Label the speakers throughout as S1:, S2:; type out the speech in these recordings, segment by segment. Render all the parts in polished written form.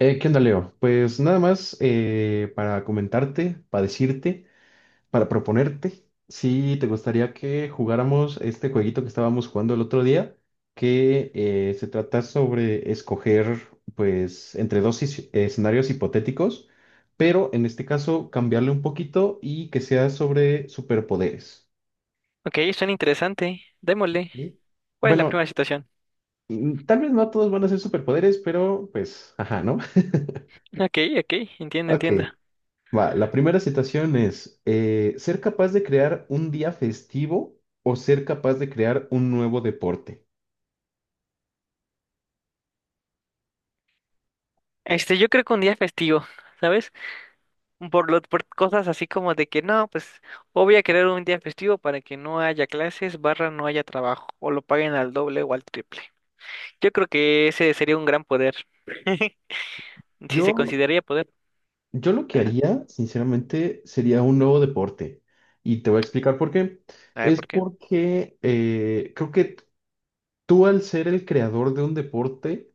S1: ¿Qué onda, Leo? Pues nada más para comentarte, para decirte, para proponerte si te gustaría que jugáramos este jueguito que estábamos jugando el otro día, que se trata sobre escoger, pues, entre dos escenarios hipotéticos, pero en este caso cambiarle un poquito y que sea sobre superpoderes.
S2: Ok, suena interesante. Démosle.
S1: ¿Ok?
S2: ¿Cuál es la
S1: Bueno,
S2: primera situación?
S1: tal vez no todos van a ser superpoderes, pero pues, ajá, ¿no?
S2: Ok, ok, entiendo,
S1: Ok.
S2: entiendo.
S1: Va, la primera citación es, ¿ser capaz de crear un día festivo o ser capaz de crear un nuevo deporte?
S2: Este, yo creo que un día festivo, ¿sabes? Por cosas así como de que no, pues o voy a querer un día festivo para que no haya clases, barra no haya trabajo, o lo paguen al doble o al triple. Yo creo que ese sería un gran poder. Si se
S1: Yo,
S2: consideraría poder.
S1: yo lo que
S2: Ajá.
S1: haría, sinceramente, sería un nuevo deporte. Y te voy a explicar por qué.
S2: A ver,
S1: Es
S2: ¿por qué?
S1: porque creo que tú, al ser el creador de un deporte,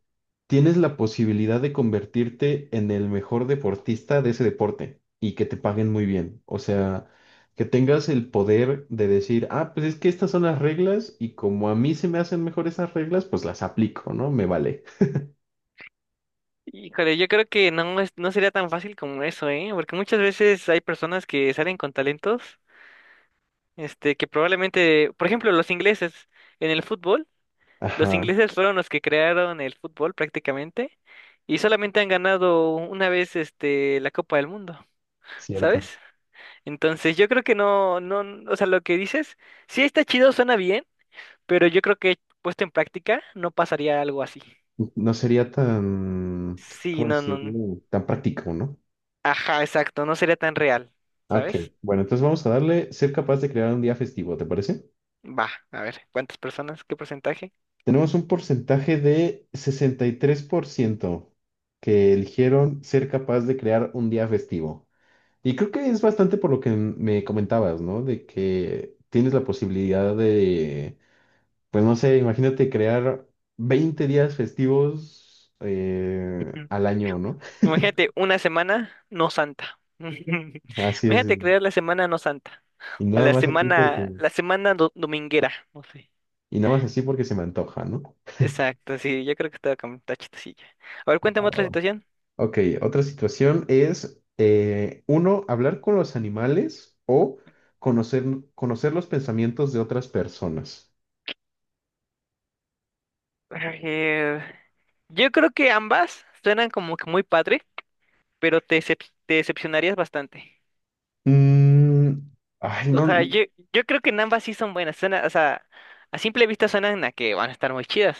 S1: tienes la posibilidad de convertirte en el mejor deportista de ese deporte y que te paguen muy bien. O sea, que tengas el poder de decir, ah, pues es que estas son las reglas y como a mí se me hacen mejor esas reglas, pues las aplico, ¿no? Me vale.
S2: Híjole, yo creo que no sería tan fácil como eso, ¿eh? Porque muchas veces hay personas que salen con talentos. Este, que probablemente, por ejemplo, los ingleses en el fútbol, los
S1: Ajá.
S2: ingleses fueron los que crearon el fútbol prácticamente y solamente han ganado una vez este la Copa del Mundo,
S1: Cierto.
S2: ¿sabes? Entonces, yo creo que no, o sea, lo que dices, sí está chido, suena bien, pero yo creo que puesto en práctica no pasaría algo así.
S1: No sería tan,
S2: Sí,
S1: ¿cómo
S2: no, no.
S1: decirlo? Tan práctico, ¿no?
S2: Ajá, exacto, no sería tan real,
S1: Ok,
S2: ¿sabes?
S1: bueno, entonces vamos a darle ser capaz de crear un día festivo, ¿te parece?
S2: Va, a ver, ¿cuántas personas? ¿Qué porcentaje?
S1: Tenemos un porcentaje de 63% que eligieron ser capaz de crear un día festivo. Y creo que es bastante por lo que me comentabas, ¿no? De que tienes la posibilidad de, pues no sé, imagínate crear 20 días festivos al año, ¿no?
S2: Imagínate una semana no santa.
S1: Así es.
S2: Imagínate crear la semana no santa.
S1: Y
S2: A
S1: nada
S2: la
S1: más así
S2: semana,
S1: porque,
S2: dominguera, no sé.
S1: y nada más así porque se me antoja, ¿no?
S2: Exacto, sí, yo creo que estaba con está chistosilla. A ver, cuéntame otra situación.
S1: Ok, otra situación es, uno, hablar con los animales o conocer, conocer los pensamientos de otras personas.
S2: A ver, yo creo que ambas suenan como que muy padre, pero te decepcionarías bastante.
S1: Mm, ay,
S2: O
S1: no,
S2: sea, yo creo que en ambas sí son buenas. Suena, o sea, a simple vista suenan a que van a estar muy chidas.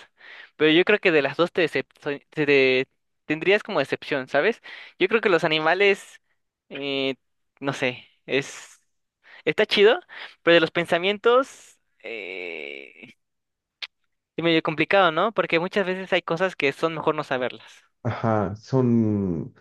S2: Pero yo creo que de las dos te, decep- so- te- tendrías como decepción, ¿sabes? Yo creo que los animales, eh, no sé, es está chido, pero de los pensamientos es medio complicado, ¿no? Porque muchas veces hay cosas que son mejor no saberlas.
S1: ajá, son...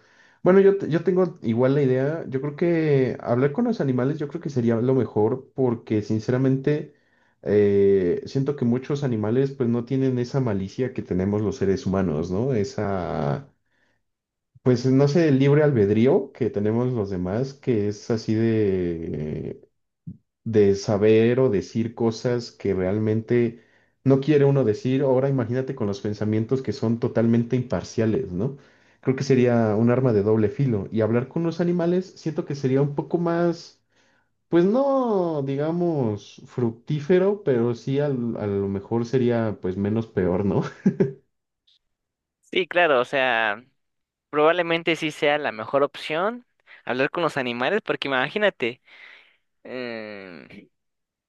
S1: Bueno, yo tengo igual la idea, yo creo que hablar con los animales yo creo que sería lo mejor porque sinceramente siento que muchos animales pues no tienen esa malicia que tenemos los seres humanos, ¿no? Esa... Pues no sé, el libre albedrío que tenemos los demás, que es así de saber o decir cosas que realmente no quiere uno decir. Ahora imagínate con los pensamientos que son totalmente imparciales, ¿no? Creo que sería un arma de doble filo. Y hablar con los animales siento que sería un poco más, pues no, digamos, fructífero, pero sí a lo mejor sería pues menos peor, ¿no?
S2: Sí, claro, o sea, probablemente sí sea la mejor opción hablar con los animales, porque imagínate.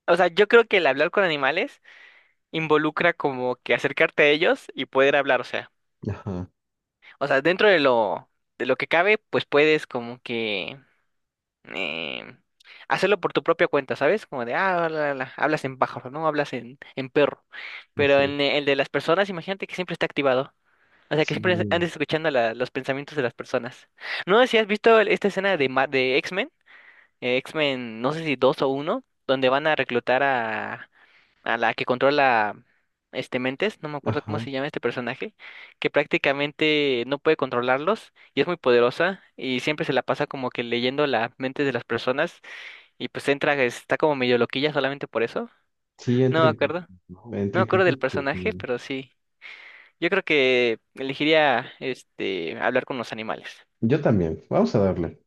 S2: O sea, yo creo que el hablar con animales involucra como que acercarte a ellos y poder hablar,
S1: Ajá,
S2: o sea, dentro de lo que cabe, pues puedes como que eh, hacerlo por tu propia cuenta, ¿sabes? Como de ah, la, hablas en pájaro, ¿no? Hablas en perro. Pero
S1: así.
S2: en e, el de las personas, imagínate que siempre está activado. O sea, que
S1: Sí,
S2: siempre andes escuchando la- los pensamientos de las personas. No sé si has visto el- esta escena de de X-Men, X-Men, no sé si dos o uno, donde van a reclutar a la que controla este Mentes, no me acuerdo cómo
S1: ajá.
S2: se llama este personaje, que prácticamente no puede controlarlos y es muy poderosa y siempre se la pasa como que leyendo las mentes de las personas y pues entra, está como medio loquilla solamente por eso.
S1: Sí,
S2: No
S1: entra
S2: me
S1: en crisis,
S2: acuerdo,
S1: ¿no?
S2: no me
S1: Entra en
S2: acuerdo del
S1: crisis porque...
S2: personaje, pero sí. Yo creo que elegiría este hablar con los animales.
S1: Yo también, vamos a darle.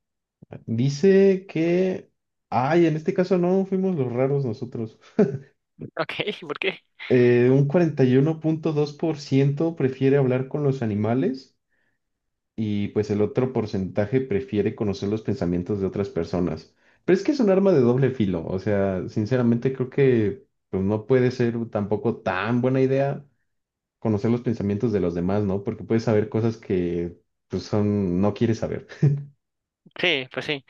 S1: Dice que... Ay, en este caso no, fuimos los raros nosotros.
S2: Ok, ¿por qué?
S1: Un 41.2% prefiere hablar con los animales y pues el otro porcentaje prefiere conocer los pensamientos de otras personas. Pero es que es un arma de doble filo, o sea, sinceramente creo que pues no puede ser tampoco tan buena idea conocer los pensamientos de los demás, ¿no? Porque puedes saber cosas que pues son, no quieres saber.
S2: Sí, pues sí.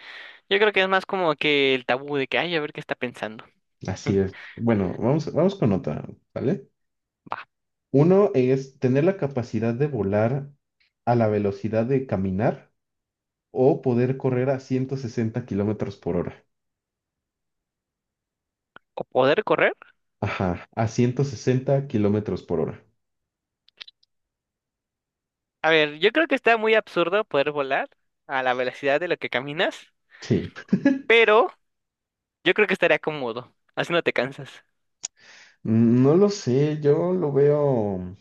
S2: Yo creo que es más como que el tabú de que, ay, a ver qué está pensando.
S1: Así es. Bueno, vamos, vamos con otra, ¿vale?
S2: Va.
S1: Uno es tener la capacidad de volar a la velocidad de caminar o poder correr a 160 km/h.
S2: O poder correr.
S1: Ajá, a 160 km/h.
S2: A ver, yo creo que está muy absurdo poder volar a la velocidad de lo que caminas,
S1: Sí.
S2: pero yo creo que estaría cómodo, así no te cansas.
S1: No lo sé, yo lo veo,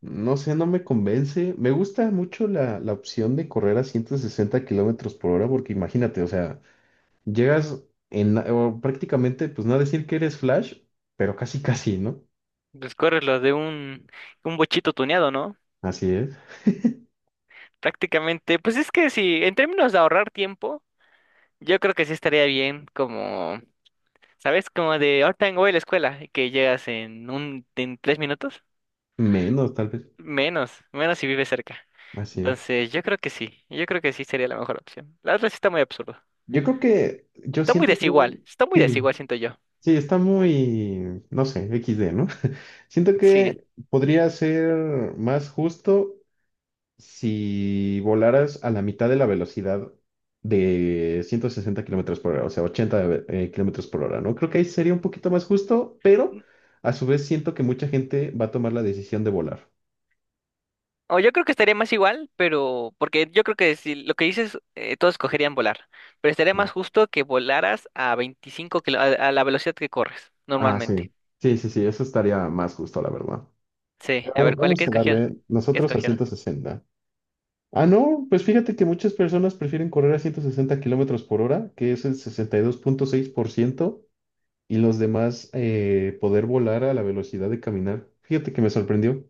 S1: no sé, no me convence. Me gusta mucho la opción de correr a 160 km/h porque imagínate, o sea, llegas en, o prácticamente, pues no decir que eres Flash, pero casi casi, ¿no?
S2: Pues corres lo de un bochito tuneado, ¿no?
S1: Así es.
S2: Prácticamente, pues es que si, en términos de ahorrar tiempo, yo creo que sí estaría bien, como, ¿sabes? Como de ahorita voy a la escuela, y que llegas en un, en tres minutos,
S1: Menos, tal vez.
S2: menos, menos si vives cerca.
S1: Así es.
S2: Entonces, yo creo que sí, yo creo que sí sería la mejor opción. La otra sí está muy absurda.
S1: Yo creo que, yo siento que,
S2: Está muy
S1: sí,
S2: desigual, siento yo.
S1: sí, está muy, no sé, XD, ¿no? Siento
S2: Sí.
S1: que podría ser más justo si volaras a la mitad de la velocidad de 160 km/h, o sea, 80 kilómetros por hora, ¿no? Creo que ahí sería un poquito más justo, pero a su vez siento que mucha gente va a tomar la decisión de volar.
S2: O yo creo que estaría más igual, pero porque yo creo que si lo que dices, todos escogerían volar, pero estaría
S1: Mm.
S2: más justo que volaras a 25 kilo, a la velocidad que corres
S1: Ah, sí.
S2: normalmente.
S1: Sí, sí, sí, eso estaría más justo, la verdad.
S2: Sí, a
S1: Pero
S2: ver, ¿cuál, qué
S1: vamos a
S2: escogieron?
S1: darle
S2: ¿Qué
S1: nosotros a
S2: escogieron?
S1: 160. Ah, no, pues fíjate que muchas personas prefieren correr a 160 km/h, que es el 62.6%. Y los demás poder volar a la velocidad de caminar. Fíjate que me sorprendió.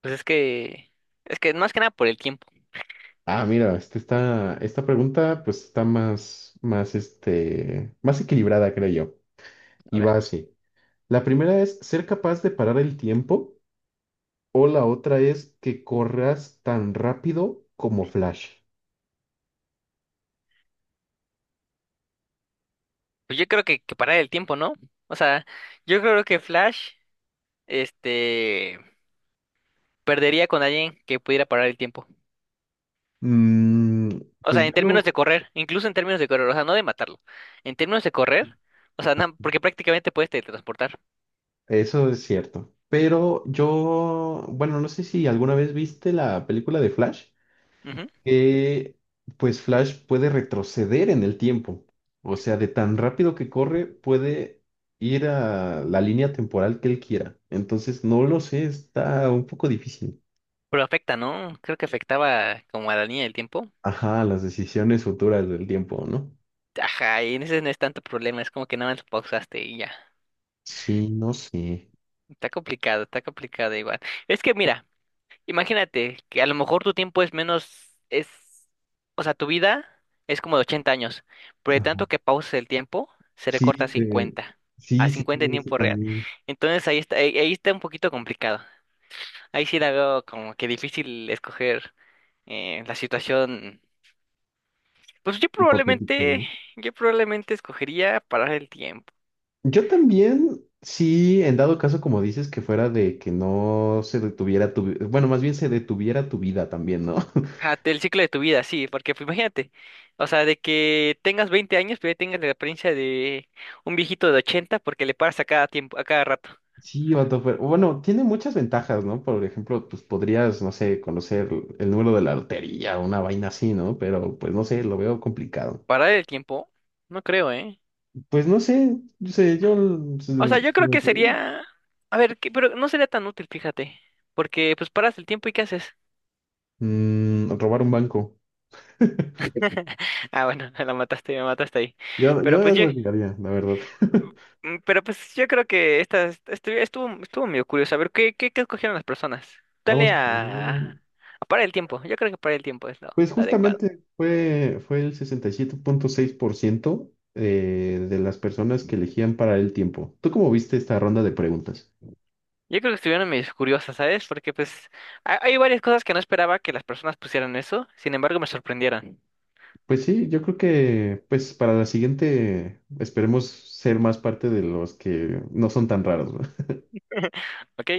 S2: Pues es que, es que más que nada por el tiempo.
S1: Ah, mira, este está, esta pregunta pues está este, más equilibrada, creo yo.
S2: A
S1: Y
S2: ver,
S1: va así. La primera es ser capaz de parar el tiempo o la otra es que corras tan rápido como Flash.
S2: pues yo creo que parar el tiempo, ¿no? O sea, yo creo que Flash, este, perdería con alguien que pudiera parar el tiempo.
S1: Mm,
S2: O sea,
S1: pues
S2: en
S1: yo
S2: términos
S1: no,
S2: de correr, incluso en términos de correr, o sea, no de matarlo. En términos de correr, o sea, na- porque prácticamente puedes teletransportar.
S1: eso es cierto. Pero yo, bueno, no sé si alguna vez viste la película de Flash,
S2: Ujú.
S1: que pues Flash puede retroceder en el tiempo. O sea, de tan rápido que corre, puede ir a la línea temporal que él quiera. Entonces, no lo sé, está un poco difícil.
S2: Pero afecta, ¿no? Creo que afectaba como a la línea del tiempo.
S1: Ajá, las decisiones futuras del tiempo, ¿no?
S2: Ajá, y en ese no es tanto problema, es como que nada más pausaste y ya.
S1: Sí, no sé.
S2: Está complicado igual. Es que mira, imagínate que a lo mejor tu tiempo es menos, es, o sea, tu vida es como de 80 años, pero de
S1: Ajá.
S2: tanto que pauses el tiempo, se recorta
S1: Sí,
S2: a
S1: sí, sí,
S2: 50 en
S1: sí, eso
S2: tiempo real.
S1: también
S2: Entonces ahí está, ahí está un poquito complicado. Ahí sí la veo como que difícil escoger la situación. Pues
S1: hipotético, ¿no?
S2: yo probablemente escogería parar el tiempo.
S1: Yo también, sí, en dado caso, como dices, que fuera de que no se detuviera tu, bueno, más bien se detuviera tu vida también, ¿no?
S2: Ajá, el ciclo de tu vida, sí, porque pues, imagínate, o sea, de que tengas 20 años, pero ya tengas la apariencia de un viejito de 80 porque le paras a cada tiempo, a cada rato.
S1: Sí, vato, bueno, tiene muchas ventajas, ¿no? Por ejemplo, pues podrías, no sé, conocer el número de la lotería o una vaina así, ¿no? Pero pues no sé, lo veo complicado.
S2: ¿Parar el tiempo? No creo, ¿eh?
S1: Pues no sé, yo sé, yo...
S2: O sea, yo creo que sería, a ver, que- pero no sería tan útil, fíjate, porque pues paras el tiempo y ¿qué haces?
S1: Robar un banco.
S2: Ah, bueno, la mataste, me mataste ahí.
S1: Yo,
S2: Pero
S1: yo
S2: pues yo,
S1: eso lo que haría, la verdad.
S2: mm, pero pues yo creo que esta estuvo, estuvo medio curioso. A ver, ¿qué, qué, qué escogieron las personas? Dale
S1: Vamos a
S2: a,
S1: poner...
S2: a parar el tiempo. Yo creo que parar el tiempo es
S1: Pues
S2: lo adecuado.
S1: justamente fue el 67.6% de las personas que elegían para el tiempo. ¿Tú cómo viste esta ronda de preguntas?
S2: Yo creo que estuvieron medio curiosas, ¿sabes? Porque pues hay varias cosas que no esperaba que las personas pusieran eso. Sin embargo, me sorprendieron.
S1: Pues sí, yo creo que pues para la siguiente esperemos ser más parte de los que no son tan raros, ¿no?
S2: ¿Ok?